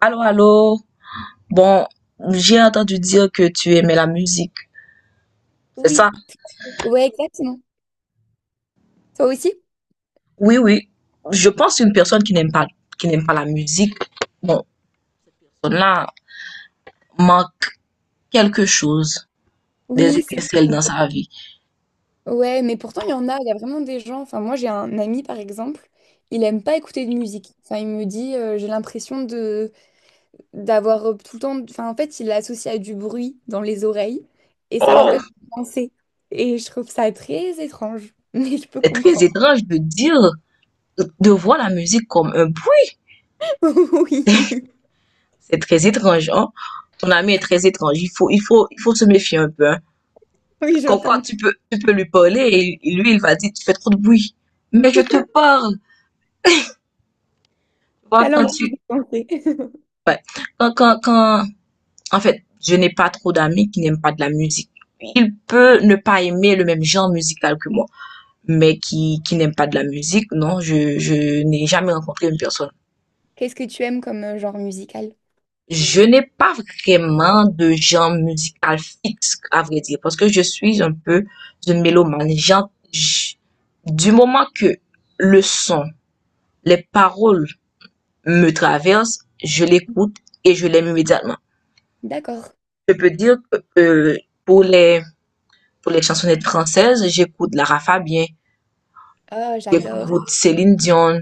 Allô, allô. Bon, j'ai entendu dire que tu aimais la musique. C'est Oui, ça? ouais, exactement. Toi aussi? Oui, oui. Je pense qu'une personne qui n'aime pas la musique, bon, là, manque quelque chose, des Oui, c'est étincelles dans sa vie. ouais, mais pourtant il y en a, il y a vraiment des gens. Enfin, moi j'ai un ami par exemple, il aime pas écouter de musique. Enfin, il me dit j'ai l'impression de d'avoir tout le temps. Enfin, en fait, il l'associe à du bruit dans les oreilles et ça Oh, l'empêche de penser. Et je trouve ça très étrange, mais je peux c'est très comprendre. étrange de dire, de voir la musique comme un bruit. Oui, C'est très étrange, hein? Ton ami est très étrange. Il faut se méfier un peu, hein. oui, je Comme quoi, pense. tu peux lui parler et lui, il va dire, tu fais trop de bruit. Mais je te parle. Tu vois. Ça l'empêche de penser. Ouais. Quand en fait, je n'ai pas trop d'amis qui n'aiment pas de la musique. Il peut ne pas aimer le même genre musical que moi, mais qui n'aime pas de la musique, non, je n'ai jamais rencontré une personne. Qu'est-ce que tu aimes comme genre musical? Je n'ai pas vraiment de genre musical fixe, à vrai dire, parce que je suis un peu une mélomane. Du moment que le son, les paroles me traversent, je l'écoute et je l'aime immédiatement. D'accord. Je peux dire que pour les pour les chansonnettes françaises, j'écoute Lara Fabien, Ah, j'adore. j'écoute Céline Dion.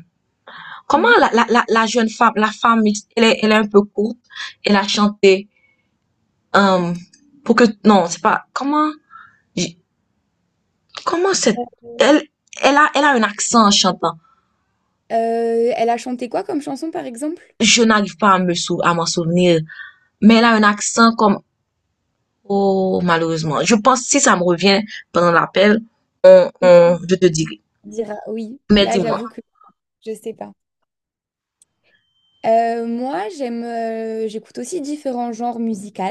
Comment Mhm. la, jeune femme, la femme, elle est un peu courte, elle a chanté euh, pour que non, c'est pas comment cette elle elle a elle a un accent en chantant. Elle a chanté quoi comme chanson, par exemple? Je n'arrive pas à à m'en souvenir, mais elle a un accent comme oh malheureusement. Je pense si ça me revient pendant l'appel, on, Oui, on je te dirai. on dira oui. Mais Là, dis-moi. j'avoue que je sais pas. Moi, j'aime, j'écoute aussi différents genres musicaux.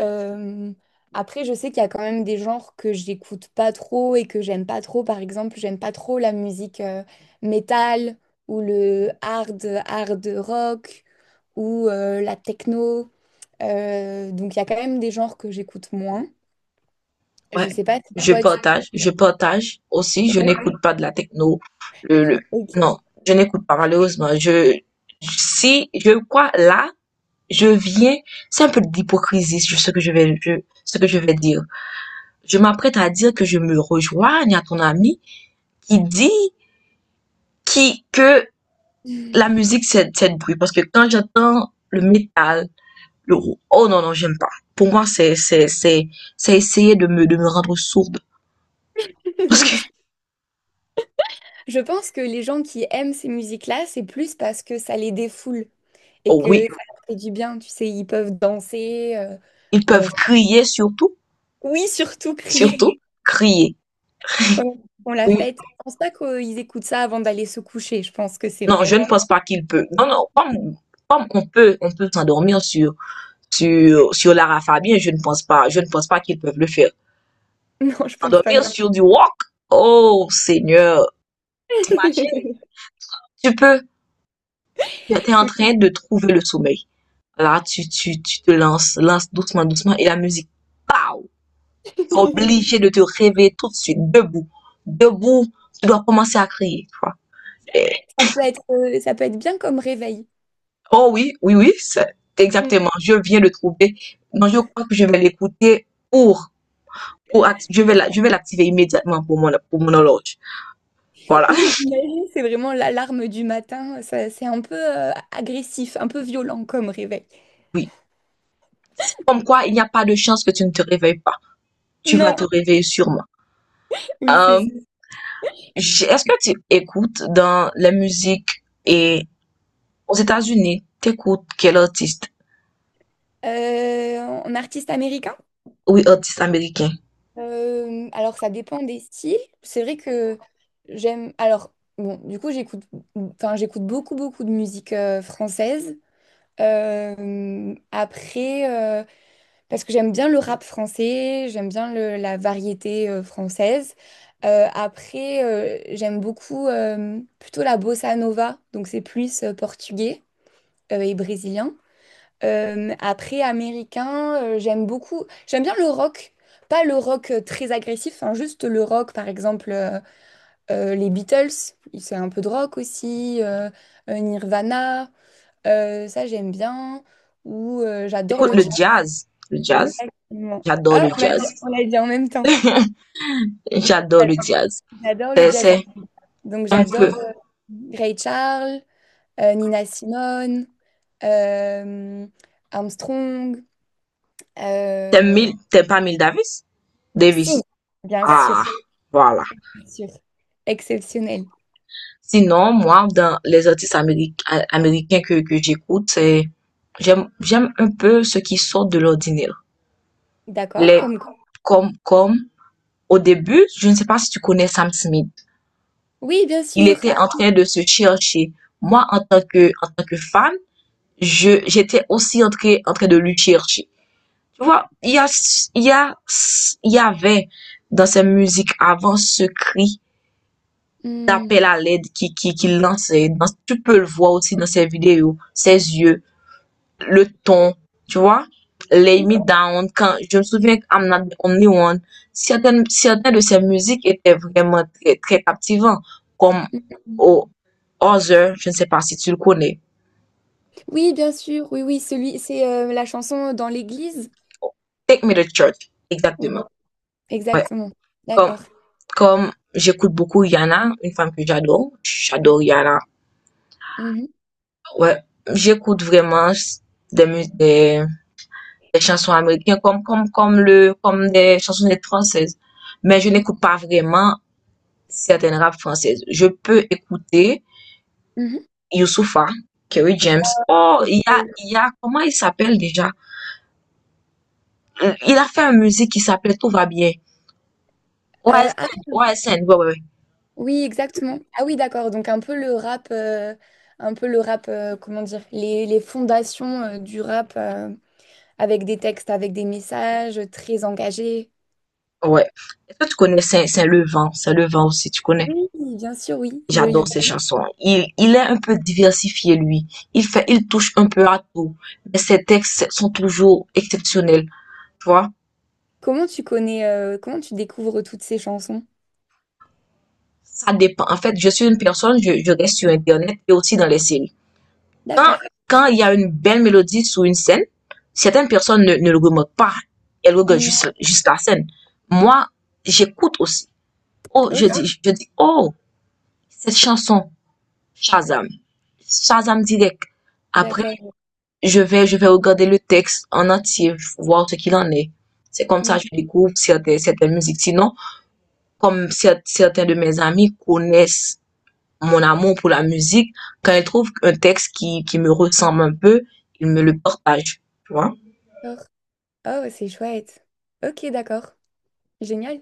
Euh, après, je sais qu'il y a quand même des genres que j'écoute pas trop et que j'aime pas trop. Par exemple, j'aime pas trop la musique métal ou le hard rock ou la techno. Donc, il y a quand même des genres que j'écoute moins. Je Ouais, sais pas si je toi, tu... partage, je partage aussi. Je Oui. n'écoute pas de la techno. Le, le- Ok. non, je n'écoute pas malheureusement. Si je crois là, je viens, c'est un peu d'hypocrisie ce que je vais dire. Je m'apprête à dire que je me rejoigne à ton ami qui dit qui que la musique c'est de bruit parce que quand j'entends le métal, oh non non j'aime pas. Pour moi c'est essayer de me rendre sourde parce que. Oui, je pense que les gens qui aiment ces musiques-là, c'est plus parce que ça les défoule et Oh oui. que ça leur fait du bien. Tu sais, ils peuvent danser. Ils euh, peuvent crier surtout, oui, surtout crier. surtout crier. Pendant on la Oui, fête. Je pense pas qu'ils écoutent ça avant d'aller se coucher. Je pense que c'est non, je ne vraiment. pense pas qu'ils peuvent. Non, non, comme on peut s'endormir sur Lara Fabian, je ne pense pas qu'ils peuvent le faire. Non, je pense pas S'endormir non. sur du rock, oh Seigneur, Plus. tu peux, tu es en Oui. train de trouver le sommeil. Là, tu lance doucement, doucement, et la musique, pow, tu es obligé de te réveiller tout de suite, debout, debout, tu dois commencer à crier, tu vois. Ça peut être bien comme réveil. Oh oui, oui, oui, Mm. exactement. Je viens de trouver. Non, je crois que je vais l'écouter pour, je vais l'activer immédiatement pour mon horloge. Voilà. Oui, imagine, c'est vraiment l'alarme du matin. Ça- C'est un peu agressif, un peu violent comme réveil. Oui. Comme quoi, il n'y a pas de chance que tu ne te réveilles pas. Tu vas Non, te réveiller sûrement. oui, Euh, c'est Est-ce que tu écoutes dans la musique et aux États-Unis, t'écoutes quel artiste? euh, en artiste américain. Oui, artiste américain. Alors ça dépend des styles. C'est vrai que j'aime. Alors bon, du coup j'écoute, enfin j'écoute beaucoup de musique française. Après, parce que j'aime bien le rap français, j'aime bien le- la variété française. J'aime beaucoup plutôt la bossa nova, donc c'est plus portugais et brésilien. Après, américain, j'aime beaucoup. J'aime bien le rock. Pas le rock très agressif, hein, juste le rock, par exemple, les Beatles, c'est un peu de rock aussi, Nirvana, ça j'aime bien. Ou j'adore le Écoute le jazz, jazz. Le jazz. exactement. J'adore le Ah, jazz. On l'a dit en même temps. J'adore le jazz. J'adore le C'est, jazz. c'est Donc un j'adore peu, Ray Charles, Nina Simone, euh, Armstrong. Euh, t'aimes pas Miles Davis? Davis. Si, bien sûr, Ah, voilà. bien sûr. Exceptionnel. Sinon, moi, dans les artistes américains que j'écoute, j'aime un peu ce qui sort de l'ordinaire. D'accord, Les, comme quoi. comme, comme, au début, je ne sais pas si tu connais Sam Smith. Oui, bien Il sûr. Ah, était en train de se chercher. Moi, en tant que fan, j'étais aussi en train de lui chercher. Tu vois, il y a, il y a, il y avait dans ses musiques avant ce cri hmm. d'appel à l'aide qui lance. Tu peux le voir aussi dans ses vidéos, ses yeux, le ton, tu vois. Lay Me Down, quand, je me souviens que I'm Not the Only One, certaines de ses musiques étaient vraiment très, très captivantes, comme oh, Other, je ne sais pas si tu le connais. Oui, bien sûr. Oui, oui, celui, c'est la chanson dans l'église. Take Me to Church, Ouais, exactement. exactement. Comme, D'accord. comme j'écoute beaucoup Yana, une femme que j'adore, j'adore Yana. Mhm. Ouais, j'écoute vraiment des musiques des chansons américaines comme des chansonnettes françaises. Mais je n'écoute pas vraiment certaines rap françaises. Je peux écouter Mhm. Youssoupha, Kerry James. Oh, il y a comment il s'appelle déjà? Il a fait une musique qui s'appelle Tout va bien. Ouais, Ah, OSN, ouais, ouais, ouais. oui, exactement. Ah oui, d'accord. Donc un peu le rap, un peu le rap, comment dire, les fondations du rap avec des textes, avec des messages très engagés. Ouais. Est-ce que tu connais Saint Levant? Saint Levant aussi, tu connais? Oui, bien sûr, oui. Le J'adore ses libéral. chansons. Il est un peu diversifié, lui. Il touche un peu à tout. Mais ses textes sont toujours exceptionnels, tu vois? Comment tu connais, comment tu découvres toutes ces chansons? Ça dépend. En fait, je suis une personne, je reste sur Internet et aussi dans les séries. Quand, D'accord. quand il y a une belle mélodie sur une scène, certaines personnes ne le remarquent pas. Elles regardent Hmm, juste la scène. Moi, j'écoute aussi. Oh, je ok, dis, je dis, oh, cette chanson, Shazam. Shazam direct. Après, d'accord. je vais regarder le texte en entier, voir ce qu'il en est. C'est comme ça Hmm, que je découvre certaines musiques. Sinon, comme certains de mes amis connaissent mon amour pour la musique, quand il trouve un texte qui me ressemble un peu, il me le partage. Tu vois? d'accord. Oh, c'est chouette. Ok, d'accord. Génial.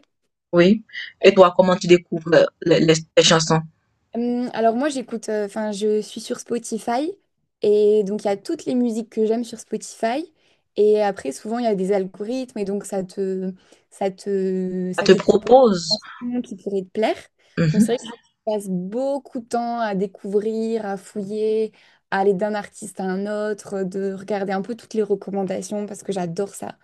Oui. Et Ouais. toi, comment tu découvres les chansons? Alors moi j'écoute, enfin je suis sur Spotify et donc il y a toutes les musiques que j'aime sur Spotify et après souvent il y a des algorithmes et donc Ça ça te te propose des propose? chansons qui pourraient te plaire. Donc c'est Mhm, vrai que je passe beaucoup de temps à découvrir, à fouiller, à aller d'un artiste à un autre, de regarder un peu toutes les recommandations parce que j'adore ça.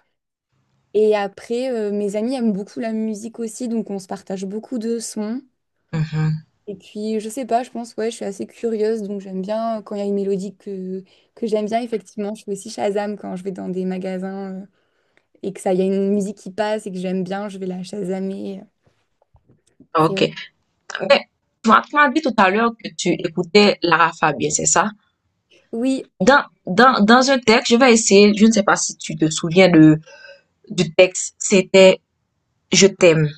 Et après mes amis aiment beaucoup la musique aussi donc on se partage beaucoup de sons. mhm. Et puis, je sais pas, je pense, ouais, je suis assez curieuse, donc j'aime bien quand il y a une mélodie que j'aime bien, effectivement. Je fais aussi Shazam quand je vais dans des magasins et que ça, il y a une musique qui passe et que j'aime bien, je vais la Shazamer. C'est Ok. vrai. Que- Mais tu m'as dit tout à l'heure que tu écoutais Lara Fabian, c'est ça? Oui, Dans un texte, je vais essayer, je ne sais pas si tu te souviens du texte, c'était Je t'aime.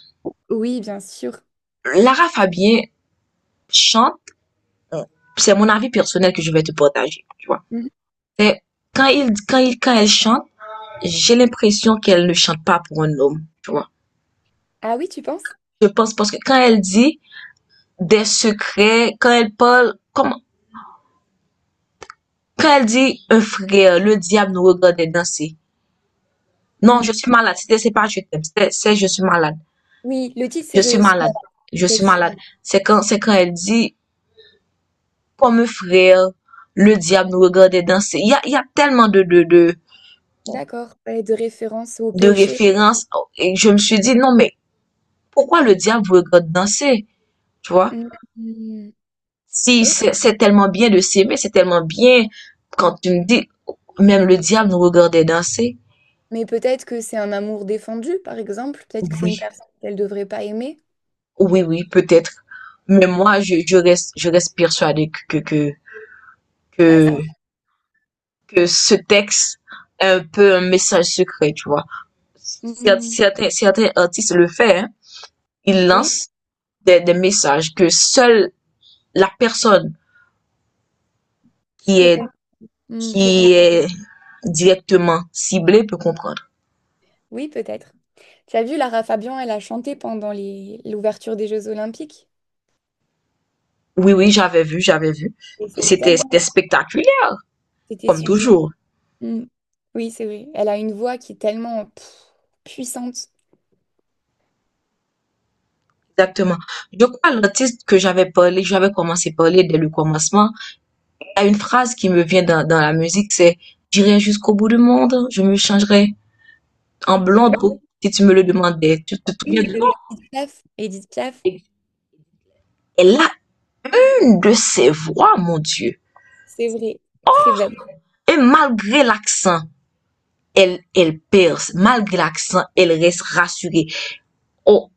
oui, bien sûr. Lara Fabian chante, c'est mon avis personnel que je vais te partager. Tu vois. Mhm. C'est quand elle chante, j'ai l'impression qu'elle ne chante pas pour un homme, tu vois. Ah oui, tu penses? Je pense parce que quand elle dit des secrets, quand elle parle, comme, quand elle dit un frère, le diable nous regarde danser. Non, je Hmm. suis malade. C'est pas je t'aime. C'est je suis malade. Oui, le titre, c'est Je suis Je suis malade. malade. Je suis malade. Effectivement. C'est quand elle dit comme un frère, le diable nous regarde danser. Il y a tellement de, de, de, D'accord. Ouais, de référence au de péché. références. Et je me suis dit, non, mais pourquoi le diable vous regarde danser? Tu vois? Hmm. Hmm. Si Ok. c'est tellement bien de s'aimer, c'est tellement bien quand tu me dis, même le diable nous regardait danser. Mais peut-être que c'est un amour défendu, par exemple. Peut-être que c'est Oui, une personne qu'elle devrait pas aimer. oui, oui, peut-être. Mais moi, je reste persuadée Ah, que, ça. que ce texte est un peu un message secret, tu vois. Cer- Hmm. Certains, certains artistes le font, hein. Ils Oui, lancent des messages que seule la personne qui peu est, Hmm, qui est qui contre- est directement ciblée peut comprendre. Oui, peut-être. Tu as vu, Lara Fabian, elle a chanté pendant les... l'ouverture des Jeux Olympiques. Oui, oui, j'avais vu. Et c'était C'était, tellement... c'était spectaculaire, C'était comme sublime. toujours. Hmm. Oui, c'est vrai. Elle a une voix qui est tellement pff, puissante. Exactement. Je crois l'artiste que j'avais commencé à parler dès le commencement. Il y a une phrase qui me vient dans la musique, c'est J'irai jusqu'au bout du monde, je me changerai en Euh, blonde peau si tu me le demandais. Tu te Oui, souviens oui, de de Edith Piaf. Edith Piaf, non? Elle a une de ses voix, mon Dieu. c'est vrai. Très belle. Et malgré l'accent, elle perce. Malgré l'accent, elle reste rassurée. On,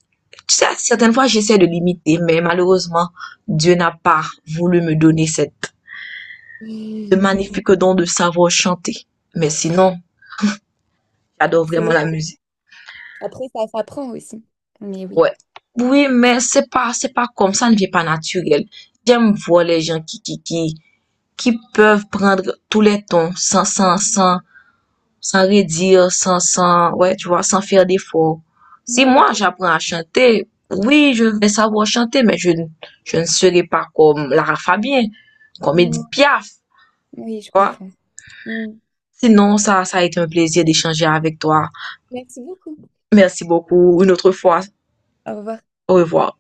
certaines fois, j'essaie de limiter, mais malheureusement, Dieu n'a pas voulu me donner ce magnifique don de savoir chanter. Mais sinon, j'adore C'est vraiment vrai que la musique. après, ça s'apprend aussi. Mais oui. Ouais. Oui, mais c'est pas comme ça, ne vient pas naturel. J'aime voir les gens qui peuvent prendre tous les tons sans redire, sans, sans, ouais, tu vois, sans faire d'efforts. Si Ouais, moi je... j'apprends à chanter, oui, je vais savoir chanter, mais je ne serai pas comme Lara Fabien, comme Hmm, Edith Piaf, tu oui, je vois. comprends. Hmm. Sinon, ça a été un plaisir d'échanger avec toi. Merci beaucoup. Merci beaucoup. Une autre fois, Au revoir. au revoir.